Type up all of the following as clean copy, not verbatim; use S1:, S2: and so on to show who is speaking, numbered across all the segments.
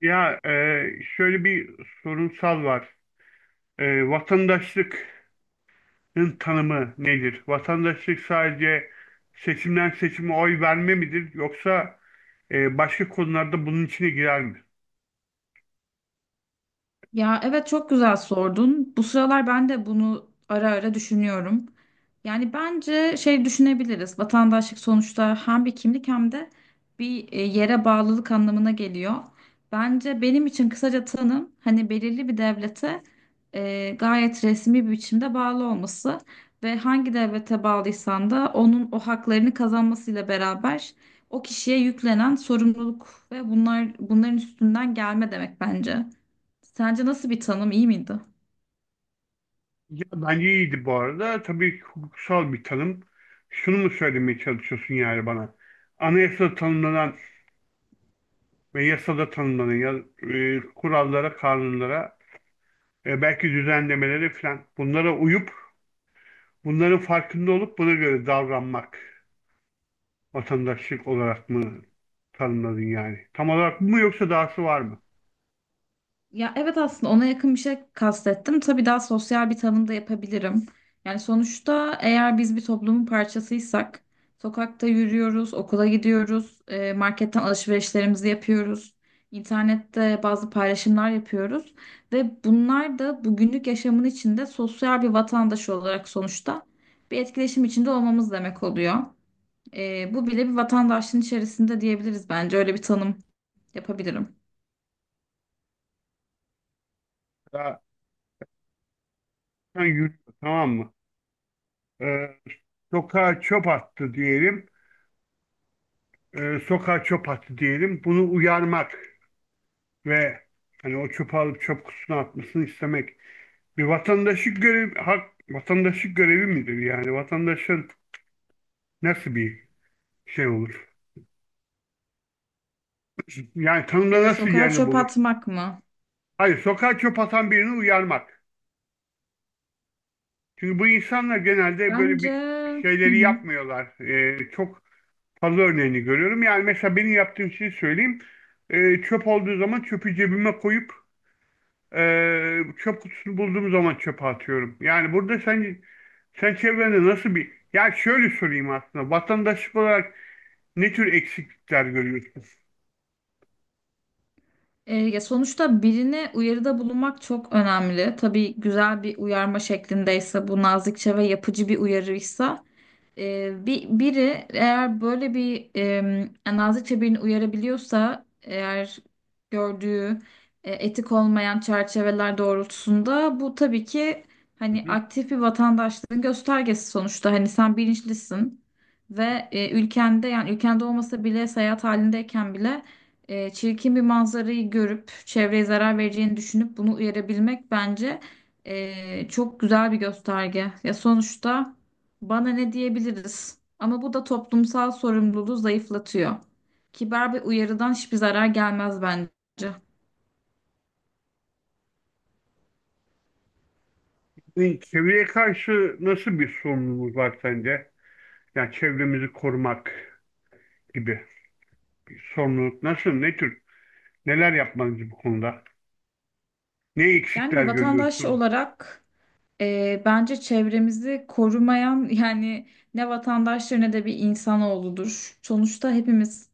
S1: Ya e, şöyle bir sorunsal var. Vatandaşlıkın tanımı nedir? Vatandaşlık sadece seçimden seçime oy verme midir? Yoksa başka konularda bunun içine girer mi?
S2: Ya evet çok güzel sordun. Bu sıralar ben de bunu ara ara düşünüyorum. Yani bence şey düşünebiliriz. Vatandaşlık sonuçta hem bir kimlik hem de bir yere bağlılık anlamına geliyor. Bence benim için kısaca tanım hani belirli bir devlete gayet resmi bir biçimde bağlı olması ve hangi devlete bağlıysan da onun o haklarını kazanmasıyla beraber o kişiye yüklenen sorumluluk ve bunların üstünden gelme demek bence. Sence nasıl bir tanım, iyi miydi?
S1: Ya bence iyiydi bu arada. Tabii ki hukuksal bir tanım. Şunu mu söylemeye çalışıyorsun yani bana? Anayasada tanımlanan ve yasada tanımlanan ya, kurallara, kanunlara, belki düzenlemelere falan bunlara uyup bunların farkında olup buna göre davranmak vatandaşlık olarak mı tanımladın yani? Tam olarak bu mu yoksa dahası var mı?
S2: Ya evet aslında ona yakın bir şey kastettim. Tabii daha sosyal bir tanım da yapabilirim. Yani sonuçta eğer biz bir toplumun parçasıysak sokakta yürüyoruz, okula gidiyoruz, marketten alışverişlerimizi yapıyoruz, internette bazı paylaşımlar yapıyoruz ve bunlar da bugünlük yaşamın içinde sosyal bir vatandaş olarak sonuçta bir etkileşim içinde olmamız demek oluyor. Bu bile bir vatandaşlığın içerisinde diyebiliriz bence. Öyle bir tanım yapabilirim.
S1: Daha sen yürü, tamam mı? E, Sokağa çöp attı diyelim. Sokağa çöp attı diyelim. Bunu uyarmak ve hani o çöpü alıp çöp kutusuna atmasını istemek bir vatandaşlık görevi midir? Yani vatandaşın nasıl bir şey olur? Yani tanımda nasıl
S2: Sokağa
S1: yerini
S2: çöp
S1: bulur?
S2: atmak mı?
S1: Hayır, sokağa çöp atan birini uyarmak. Çünkü bu insanlar genelde böyle
S2: Bence
S1: bir
S2: hı
S1: şeyleri
S2: hı.
S1: yapmıyorlar. Çok fazla örneğini görüyorum. Yani mesela benim yaptığım şeyi söyleyeyim. Çöp olduğu zaman çöpü cebime koyup çöp kutusunu bulduğum zaman çöpe atıyorum. Yani burada sen çevrende nasıl bir... Ya şöyle sorayım aslında. Vatandaşlık olarak ne tür eksiklikler görüyorsunuz?
S2: Ya sonuçta birine uyarıda bulunmak çok önemli. Tabii güzel bir uyarma şeklindeyse, bu nazikçe ve yapıcı bir uyarıysa biri eğer böyle bir nazikçe birini uyarabiliyorsa eğer gördüğü etik olmayan çerçeveler doğrultusunda, bu tabii ki
S1: Hı
S2: hani
S1: hı.
S2: aktif bir vatandaşlığın göstergesi. Sonuçta hani sen bilinçlisin ve ülkende, yani ülkende olmasa bile seyahat halindeyken bile çirkin bir manzarayı görüp çevreye zarar vereceğini düşünüp bunu uyarabilmek bence çok güzel bir gösterge. Ya sonuçta bana ne diyebiliriz? Ama bu da toplumsal sorumluluğu zayıflatıyor. Kibar bir uyarıdan hiçbir zarar gelmez bence.
S1: Yani çevreye karşı nasıl bir sorumluluğumuz var sence? Yani çevremizi korumak gibi bir sorumluluk nasıl, ne tür, neler yapmalıyız bu konuda? Ne
S2: Yani bir
S1: eksikler
S2: vatandaş
S1: görüyorsun?
S2: olarak bence çevremizi korumayan yani ne vatandaştır ne de bir insanoğludur. Sonuçta hepimiz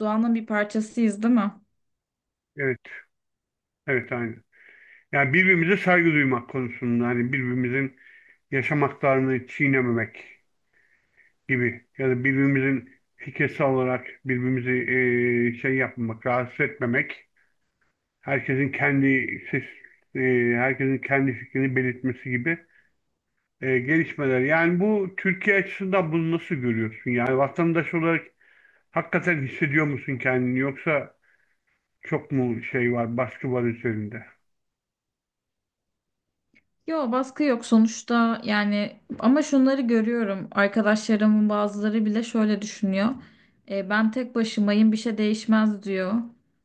S2: doğanın bir parçasıyız, değil mi?
S1: Evet, evet aynı. Yani birbirimize saygı duymak konusunda, hani birbirimizin yaşam haklarını çiğnememek gibi ya da birbirimizin fikirsel olarak birbirimizi şey yapmamak, rahatsız etmemek, herkesin kendi ses, herkesin kendi fikrini belirtmesi gibi gelişmeler. Yani bu Türkiye açısından bunu nasıl görüyorsun? Yani vatandaş olarak hakikaten hissediyor musun kendini yoksa çok mu şey var, baskı var üzerinde?
S2: Yo, baskı yok sonuçta, yani. Ama şunları görüyorum, arkadaşlarımın bazıları bile şöyle düşünüyor: ben tek başımayım bir şey değişmez diyor.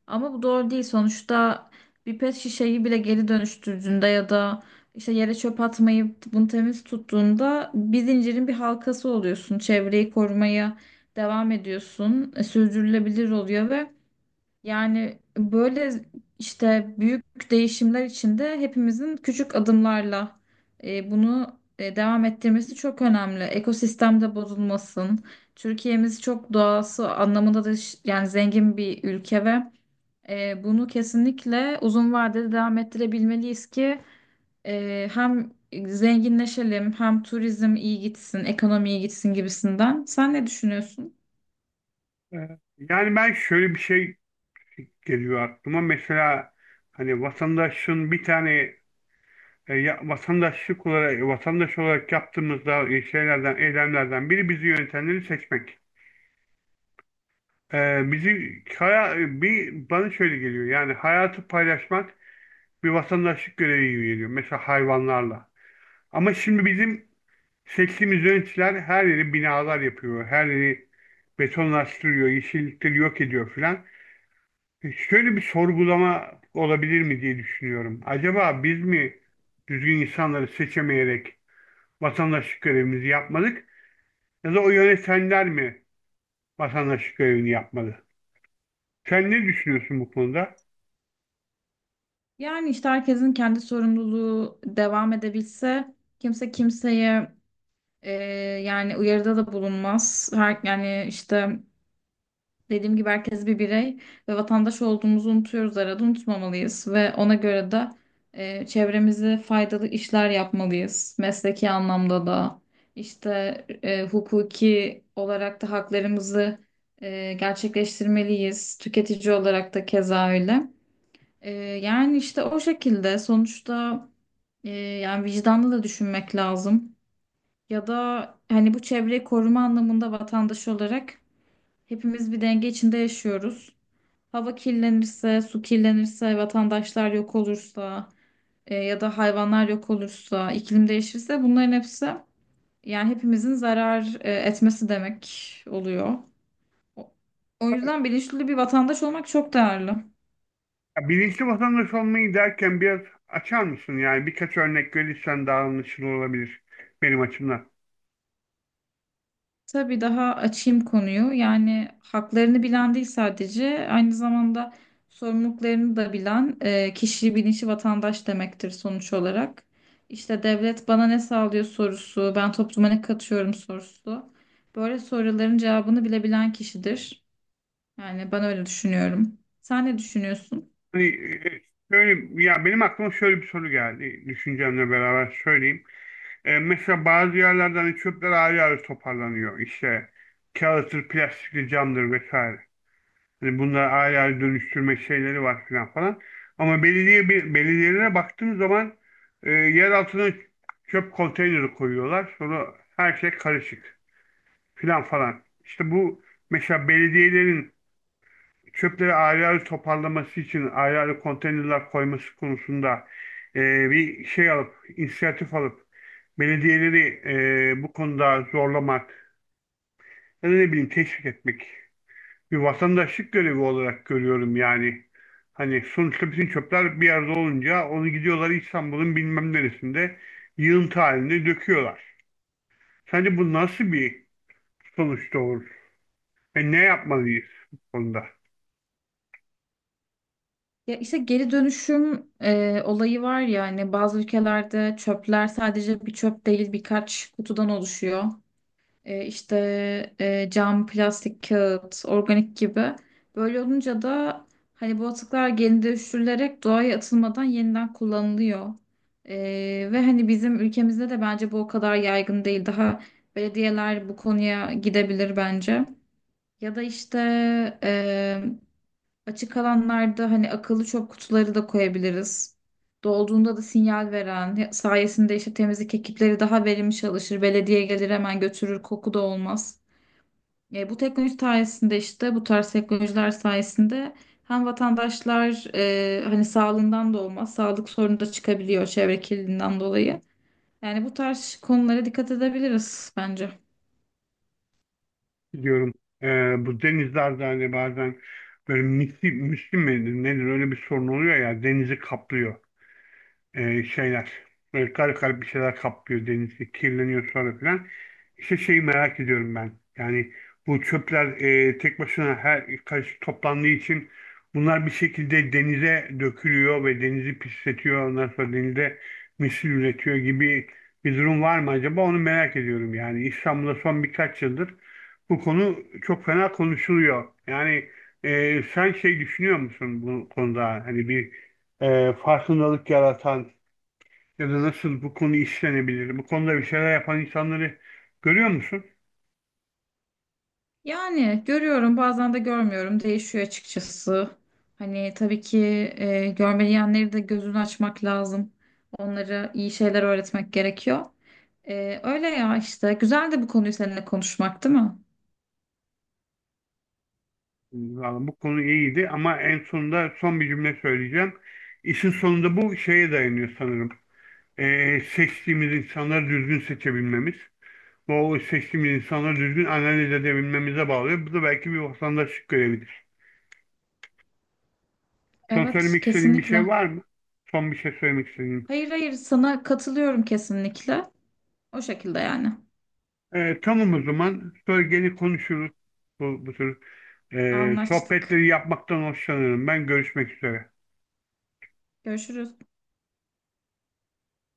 S2: Ama bu doğru değil. Sonuçta bir pet şişeyi bile geri dönüştürdüğünde ya da işte yere çöp atmayıp bunu temiz tuttuğunda bir zincirin bir halkası oluyorsun, çevreyi korumaya devam ediyorsun. Sürdürülebilir oluyor ve yani böyle işte büyük değişimler içinde hepimizin küçük adımlarla bunu devam ettirmesi çok önemli. Ekosistemde bozulmasın. Türkiye'miz çok doğası anlamında da yani zengin bir ülke ve bunu kesinlikle uzun vadede devam ettirebilmeliyiz ki hem zenginleşelim, hem turizm iyi gitsin, ekonomi iyi gitsin gibisinden. Sen ne düşünüyorsun?
S1: E, Yani ben şöyle bir şey geliyor aklıma. Mesela hani vatandaşın bir tane vatandaşlık olarak vatandaş olarak yaptığımızda şeylerden, eylemlerden biri bizi yönetenleri seçmek. E, bizi haya- Bir bana şöyle geliyor. Yani hayatı paylaşmak bir vatandaşlık görevi veriyor. Mesela hayvanlarla. Ama şimdi bizim seçtiğimiz yöneticiler her yeri binalar yapıyor. Her yeri betonlaştırıyor, yeşillikleri yok ediyor filan. Şöyle bir sorgulama olabilir mi diye düşünüyorum. Acaba biz mi düzgün insanları seçemeyerek vatandaşlık görevimizi yapmadık ya da o yönetenler mi vatandaşlık görevini yapmadı? Sen ne düşünüyorsun bu konuda?
S2: Yani işte herkesin kendi sorumluluğu devam edebilse kimse kimseye e, yani uyarıda da bulunmaz. Yani işte dediğim gibi herkes bir birey ve vatandaş olduğumuzu unutuyoruz arada, unutmamalıyız ve ona göre de çevremize faydalı işler yapmalıyız. Mesleki anlamda da işte hukuki olarak da haklarımızı gerçekleştirmeliyiz. Tüketici olarak da keza öyle. Ee, Yani işte o şekilde sonuçta yani vicdanlı da düşünmek lazım. Ya da hani bu çevreyi koruma anlamında vatandaş olarak hepimiz bir denge içinde yaşıyoruz. Hava kirlenirse, su kirlenirse, vatandaşlar yok olursa ya da hayvanlar yok olursa, iklim değişirse bunların hepsi yani hepimizin zarar etmesi demek oluyor. O o yüzden bilinçli bir vatandaş olmak çok değerli.
S1: Ya bilinçli vatandaş olmayı derken biraz açar mısın? Yani birkaç örnek verirsen daha anlaşılır olabilir benim açımdan.
S2: Tabii daha açayım konuyu. Yani haklarını bilen değil sadece, aynı zamanda sorumluluklarını da bilen kişi bilinçli vatandaş demektir sonuç olarak. İşte devlet bana ne sağlıyor sorusu, ben topluma ne katıyorum sorusu. Böyle soruların cevabını bilebilen kişidir. Yani ben öyle düşünüyorum. Sen ne düşünüyorsun?
S1: Hani e, Ya benim aklıma şöyle bir soru geldi, düşüncemle beraber söyleyeyim. Mesela bazı yerlerden hani çöpler ayrı ayrı toparlanıyor. İşte kağıttır, plastikli camdır vesaire. Hani bunları ayrı ayrı dönüştürme şeyleri var filan falan. Ama belediyelere baktığım zaman yer altına çöp konteyneri koyuyorlar. Sonra her şey karışık filan falan. İşte bu mesela belediyelerin çöpleri ayrı ayrı toparlaması için ayrı ayrı konteynerler koyması konusunda bir şey alıp, inisiyatif alıp belediyeleri bu konuda zorlamak ya da ne bileyim teşvik etmek bir vatandaşlık görevi olarak görüyorum yani. Hani sonuçta bütün çöpler bir yerde olunca onu gidiyorlar, İstanbul'un bilmem neresinde yığıntı halinde döküyorlar. Sence bu nasıl bir sonuç doğurur? Ve ne yapmalıyız bu konuda?
S2: Ya işte geri dönüşüm olayı var. Yani bazı ülkelerde çöpler sadece bir çöp değil, birkaç kutudan oluşuyor. İşte cam, plastik, kağıt, organik gibi. Böyle olunca da hani bu atıklar geri dönüştürülerek doğaya atılmadan yeniden kullanılıyor. E, Ve hani bizim ülkemizde de bence bu o kadar yaygın değil. Daha belediyeler bu konuya gidebilir bence. Ya da işte e, açık alanlarda hani akıllı çöp kutuları da koyabiliriz. Dolduğunda da sinyal veren sayesinde işte temizlik ekipleri daha verimli çalışır. Belediye gelir hemen götürür, koku da olmaz. Bu teknoloji sayesinde, işte bu tarz teknolojiler sayesinde hem vatandaşlar hani sağlığından da olmaz, sağlık sorunu da çıkabiliyor çevre kirliliğinden dolayı. Yani bu tarz konulara dikkat edebiliriz bence.
S1: Diyorum. Bu denizlerde hani bazen böyle misli, misli midir nedir öyle bir sorun oluyor ya, denizi kaplıyor şeyler. Böyle kar kar bir şeyler kaplıyor, denizi kirleniyor sonra falan. İşte şeyi merak ediyorum ben. Yani bu çöpler tek başına her karışık toplandığı için bunlar bir şekilde denize dökülüyor ve denizi pisletiyor. Ondan sonra denize misil üretiyor gibi bir durum var mı acaba, onu merak ediyorum yani. İstanbul'da son birkaç yıldır bu konu çok fena konuşuluyor. Yani sen şey düşünüyor musun bu konuda? Hani bir farkındalık yaratan ya da nasıl bu konu işlenebilir? Bu konuda bir şeyler yapan insanları görüyor musun?
S2: Yani görüyorum, bazen de görmüyorum, değişiyor açıkçası. Hani tabii ki görmeyenleri de gözünü açmak lazım. Onlara iyi şeyler öğretmek gerekiyor. Öyle ya, işte güzel de bu konuyu seninle konuşmak, değil mi?
S1: Vallahi bu konu iyiydi ama en sonunda son bir cümle söyleyeceğim. İşin sonunda bu şeye dayanıyor sanırım. Seçtiğimiz insanları düzgün seçebilmemiz. Bu seçtiğimiz insanları düzgün analiz edebilmemize bağlıyor. Bu da belki bir vatandaşlık görevidir. Son
S2: Evet,
S1: söylemek istediğin bir şey
S2: kesinlikle.
S1: var mı? Son bir şey söylemek istediğin.
S2: Hayır hayır, sana katılıyorum kesinlikle. O şekilde yani.
S1: Tamam o zaman. Sonra gene konuşuruz. Bu tür
S2: Anlaştık.
S1: sohbetleri yapmaktan hoşlanırım. Ben görüşmek üzere.
S2: Görüşürüz.